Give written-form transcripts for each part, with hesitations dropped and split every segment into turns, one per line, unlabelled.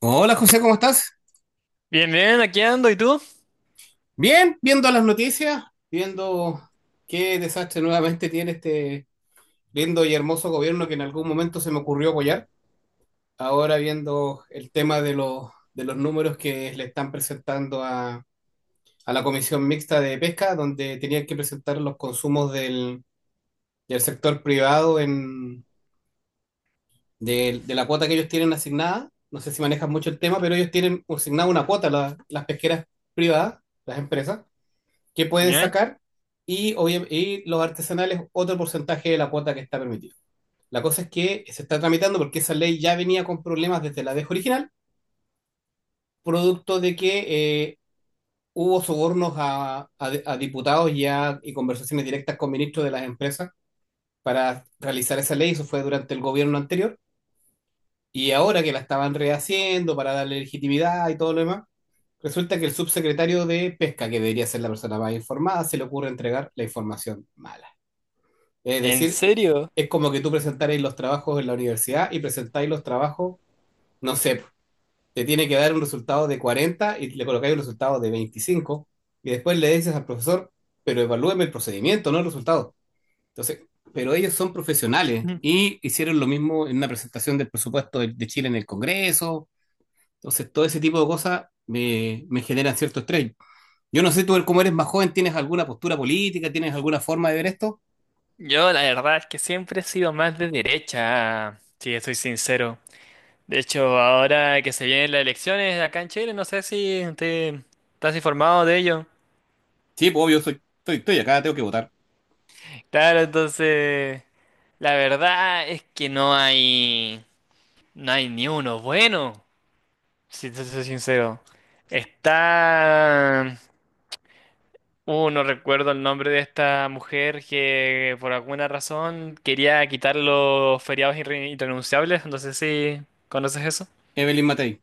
Hola José, ¿cómo estás?
Bien, bien, aquí ando, ¿y tú?
Bien, viendo las noticias, viendo qué desastre nuevamente tiene este lindo y hermoso gobierno que en algún momento se me ocurrió apoyar. Ahora viendo el tema de los números que le están presentando a la Comisión Mixta de Pesca, donde tenían que presentar los consumos del sector privado de la cuota que ellos tienen asignada. No sé si manejan mucho el tema, pero ellos tienen asignada una cuota, las pesqueras privadas, las empresas que pueden
¿Ya?
sacar y, y los artesanales otro porcentaje de la cuota que está permitida. La cosa es que se está tramitando porque esa ley ya venía con problemas desde la vez original, producto de que eh, hubo sobornos a diputados y conversaciones directas con ministros de las empresas para realizar esa ley. Eso fue durante el gobierno anterior. Y ahora que la estaban rehaciendo para darle legitimidad y todo lo demás, resulta que el subsecretario de Pesca, que debería ser la persona más informada, se le ocurre entregar la información mala. Es
¿En
decir,
serio?
es como que tú presentarais los trabajos en la universidad y presentáis los trabajos, no sé, po, te tiene que dar un resultado de 40 y le colocáis un resultado de 25 y después le dices al profesor, pero evalúeme el procedimiento, no el resultado. Entonces, pero ellos son profesionales
Mm.
y hicieron lo mismo en una presentación del presupuesto de Chile en el Congreso. Entonces, todo ese tipo de cosas me generan cierto estrés. Yo no sé, tú, como eres más joven, ¿tienes alguna postura política? ¿Tienes alguna forma de ver esto?
Yo la verdad es que siempre he sido más de derecha, si estoy sincero. De hecho, ahora que se vienen las elecciones acá en Chile, no sé si te estás informado de ello.
Sí, pues obvio, estoy acá, tengo que votar.
Claro, entonces, la verdad es que no hay ni uno bueno, si te soy sincero. Está No recuerdo el nombre de esta mujer que por alguna razón quería quitar los feriados irrenunciables. No sé si conoces eso.
Evelyn Matei.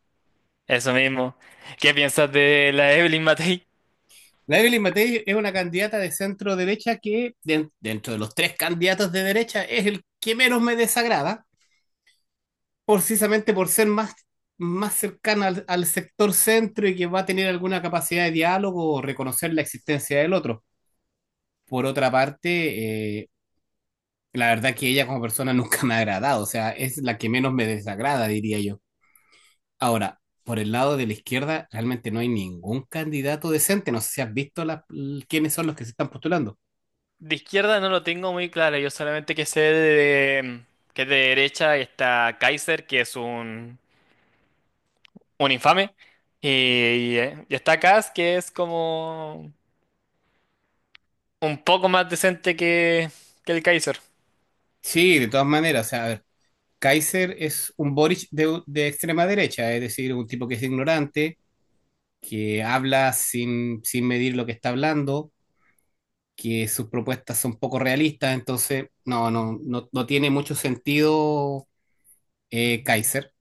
Eso mismo. ¿Qué piensas de la Evelyn Matei?
La Evelyn Matei es una candidata de centro derecha que, dentro de los tres candidatos de derecha, es el que menos me desagrada, precisamente por ser más cercana al sector centro y que va a tener alguna capacidad de diálogo o reconocer la existencia del otro. Por otra parte, la verdad que ella como persona nunca me ha agradado, o sea, es la que menos me desagrada, diría yo. Ahora, por el lado de la izquierda, realmente no hay ningún candidato decente, no sé si has visto quiénes son los que se están postulando.
De izquierda no lo tengo muy claro. Yo solamente que sé de, que es de derecha y está Kaiser, un infame. Y está Kass, que es como un poco más decente que el Kaiser.
Sí, de todas maneras, o sea, a ver, Kaiser es un Boric de extrema derecha, es decir, un tipo que es ignorante, que habla sin medir lo que está hablando, que sus propuestas son poco realistas, entonces no tiene mucho sentido Kaiser.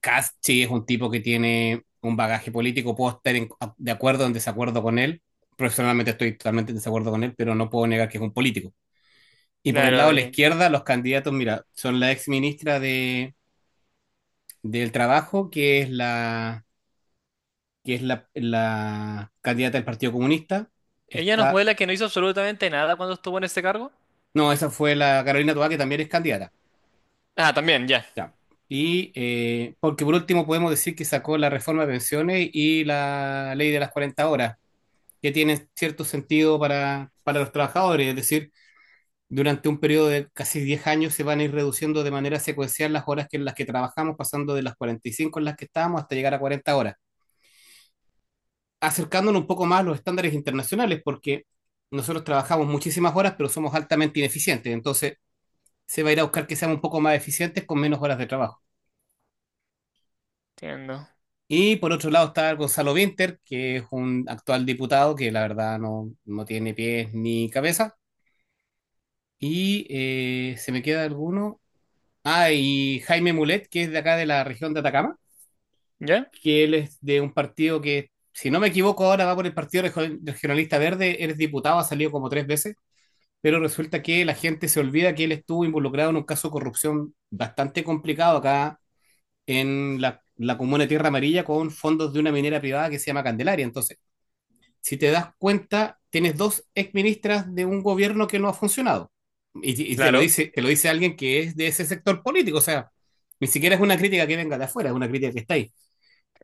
Kast sí es un tipo que tiene un bagaje político, puedo de acuerdo o en desacuerdo con él, personalmente estoy totalmente en desacuerdo con él, pero no puedo negar que es un político. Y por el lado
Claro,
de la
y-
izquierda, los candidatos, mira, son la ex ministra de del Trabajo, que es la candidata del Partido Comunista.
Ella nos
Está,
muestra que no hizo absolutamente nada cuando estuvo en este cargo.
no, esa fue la Carolina Toá, que también es candidata.
Ah, también, ya.
Ya. Y porque por último podemos decir que sacó la reforma de pensiones y la ley de las 40 horas, que tiene cierto sentido para los trabajadores, es decir, durante un periodo de casi 10 años se van a ir reduciendo de manera secuencial las horas que en las que trabajamos, pasando de las 45 en las que estábamos hasta llegar a 40 horas, acercándonos un poco más a los estándares internacionales, porque nosotros trabajamos muchísimas horas, pero somos altamente ineficientes. Entonces, se va a ir a buscar que seamos un poco más eficientes con menos horas de trabajo.
Entiendo.
Y por otro lado está Gonzalo Vinter que es un actual diputado que la verdad no, no tiene pies ni cabeza. Y se me queda alguno. Ah, y Jaime Mulet, que es de acá de la región de Atacama,
¿Ya?
que él es de un partido que, si no me equivoco, ahora va por el Partido Regionalista Verde, él es diputado, ha salido como tres veces pero resulta que la gente se olvida que él estuvo involucrado en un caso de corrupción bastante complicado acá en la comuna de Tierra Amarilla con fondos de una minera privada que se llama Candelaria. Entonces, si te das cuenta, tienes dos exministras de un gobierno que no ha funcionado. Y
Claro,
te lo dice alguien que es de ese sector político, o sea, ni siquiera es una crítica que venga de afuera, es una crítica que está ahí.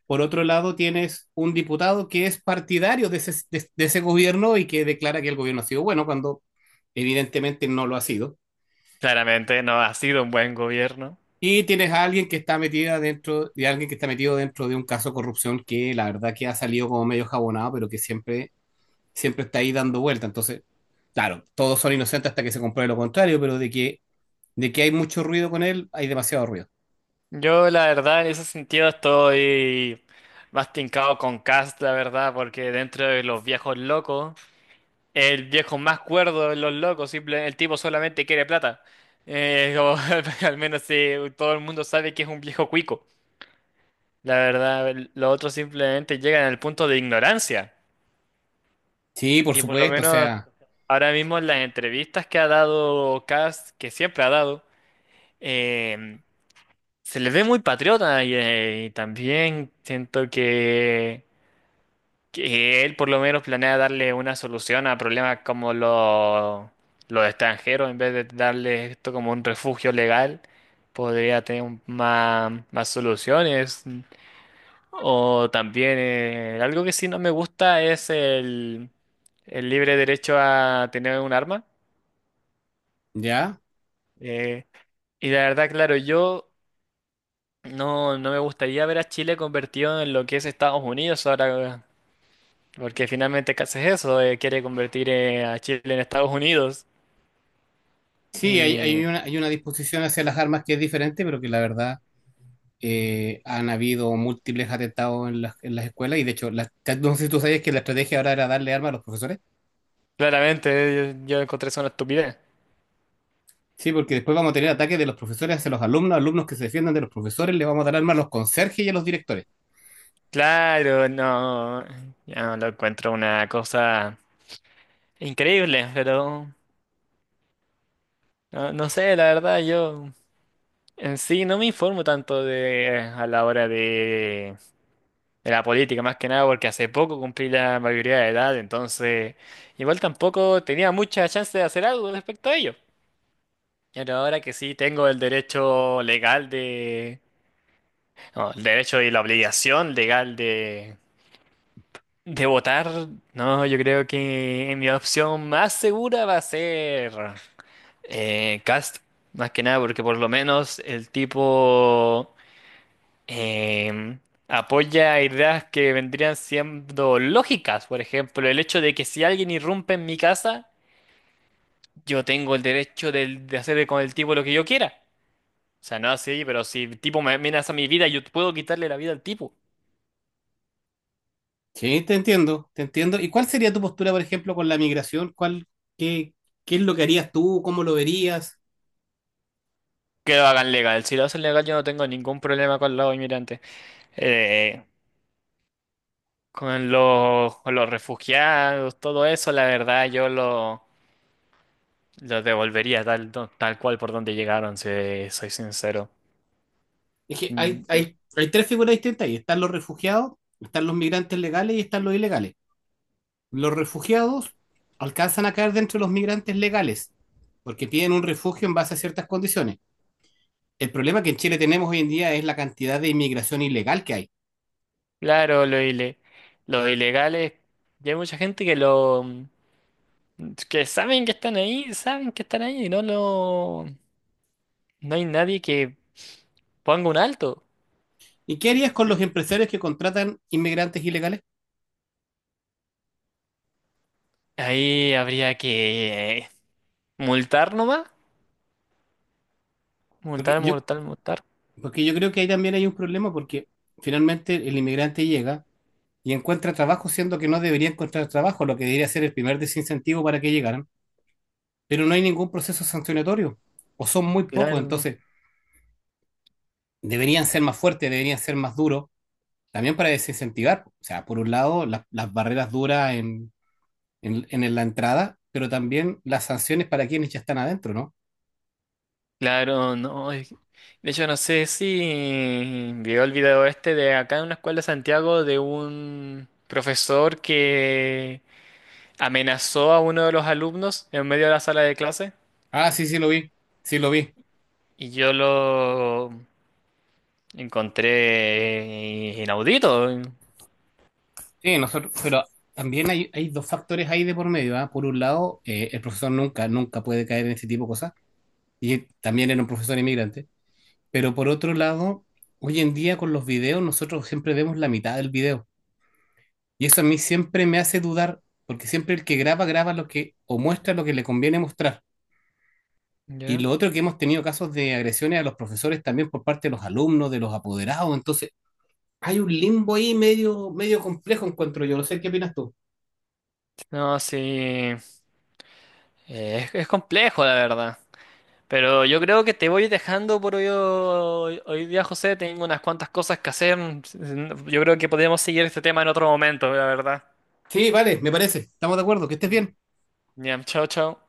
Por otro lado, tienes un diputado que es partidario de de ese gobierno y que declara que el gobierno ha sido bueno cuando evidentemente no lo ha sido.
claramente no ha sido un buen gobierno.
Y tienes a alguien que está metida dentro, y alguien que está metido dentro de un caso de corrupción que la verdad que ha salido como medio jabonado, pero que siempre está ahí dando vuelta. Entonces, claro, todos son inocentes hasta que se compruebe lo contrario, pero de que hay mucho ruido con él, hay demasiado ruido.
Yo, la verdad, en ese sentido estoy más tincado con Cast, la verdad, porque dentro de los viejos locos, el viejo más cuerdo de los locos, simple, el tipo solamente quiere plata. Eh, como, al menos sí, todo el mundo sabe que es un viejo cuico. La verdad, los otros simplemente llegan al punto de ignorancia.
Sí, por
Y por lo
supuesto, o
menos
sea,
ahora mismo en las entrevistas que ha dado Cast, que siempre ha dado, eh, se le ve muy patriota y también siento que él por lo menos planea darle una solución a problemas como los extranjeros, en vez de darle esto como un refugio legal, más, más soluciones. O también algo que sí no me gusta es el libre derecho a tener un arma.
ya.
Eh, y la verdad, claro, yo no, no me gustaría ver a Chile convertido en lo que es Estados Unidos ahora, porque finalmente casi es eso, quiere convertir a Chile en Estados Unidos.
Sí, hay,
Y
hay una disposición hacia las armas que es diferente, pero que la verdad han habido múltiples atentados en en las escuelas y de hecho, no sé si tú sabes que la estrategia ahora era darle armas a los profesores.
claramente yo encontré eso una estupidez.
Sí, porque después vamos a tener ataques de los profesores hacia los alumnos, alumnos que se defiendan de los profesores, le vamos a dar armas a los conserjes y a los directores.
Claro, no, ya lo encuentro una cosa increíble, pero no, no sé, la verdad, yo en sí no me informo tanto de a la hora de la política, más que nada porque hace poco cumplí la mayoría de edad, entonces igual tampoco tenía mucha chance de hacer algo respecto a ello. Pero ahora que sí tengo el derecho legal de... no, el derecho y la obligación legal de votar, no, yo creo que mi opción más segura va a ser Cast, más que nada porque por lo menos el tipo... em, apoya ideas que vendrían siendo lógicas, por ejemplo, el hecho de que si alguien irrumpe en mi casa, yo tengo el derecho del- de, hacer con el tipo lo que yo quiera. O sea, no así, pero si el tipo me amenaza mi vida, yo puedo quitarle la vida al tipo.
Sí, te entiendo, te entiendo. ¿Y cuál sería tu postura, por ejemplo, con la migración? ¿Cuál, qué, qué es lo que harías tú? ¿Cómo lo verías?
Que lo hagan legal. Si lo hacen legal, yo no tengo ningún problema con los inmigrantes. Eh, con los, con los refugiados, todo eso, la verdad, lo devolvería tal, tal cual por donde llegaron, si soy sincero.
Es que
Mm.
hay tres figuras distintas ahí. Están los refugiados, están los migrantes legales y están los ilegales. Los refugiados alcanzan a caer dentro de los migrantes legales, porque piden un refugio en base a ciertas condiciones. El problema que en Chile tenemos hoy en día es la cantidad de inmigración ilegal que hay.
Claro, lo, ile- lo ilegal es, ya hay mucha gente que saben que están ahí, saben que están ahí no hay nadie que ponga un alto.
¿Y qué harías con los empresarios que contratan inmigrantes ilegales?
Ahí habría que multar nomás,
Porque
multar,
yo,
multar, multar.
porque yo creo que ahí también hay un problema porque finalmente el inmigrante llega y encuentra trabajo siendo que no debería encontrar trabajo, lo que debería ser el primer desincentivo para que llegaran, pero no hay ningún proceso sancionatorio o son muy pocos,
Claro, no.
entonces deberían ser más fuertes, deberían ser más duros, también para desincentivar, o sea, por un lado las barreras duras en la entrada, pero también las sanciones para quienes ya están adentro, ¿no?
Claro, no. es- De hecho, no sé si vio el video este de acá en una escuela de Santiago de un profesor que amenazó a uno de los alumnos en medio de la sala de clase.
Ah, sí, sí lo vi, sí lo vi.
Y yo lo encontré inaudito.
Sí, nosotros, pero también hay dos factores ahí de por medio, ¿ah? Por un lado, el profesor nunca puede caer en ese tipo de cosas, y también era un profesor inmigrante, pero por otro lado, hoy en día con los videos nosotros siempre vemos la mitad del video, y eso a mí siempre me hace dudar, porque siempre el que graba, graba lo que, o muestra lo que le conviene mostrar. Y
¿Ya?
lo otro que hemos tenido casos de agresiones a los profesores también por parte de los alumnos, de los apoderados, entonces hay un limbo ahí medio, medio complejo, encuentro yo, no sé qué opinas tú.
No, sí. Es complejo, la verdad. Pero yo creo que te voy dejando por hoy día, José. Tengo unas cuantas cosas que hacer. Yo creo que podríamos seguir este tema en otro momento, la verdad.
Sí, vale, me parece. Estamos de acuerdo. Que estés bien.
Ya, chao, chao.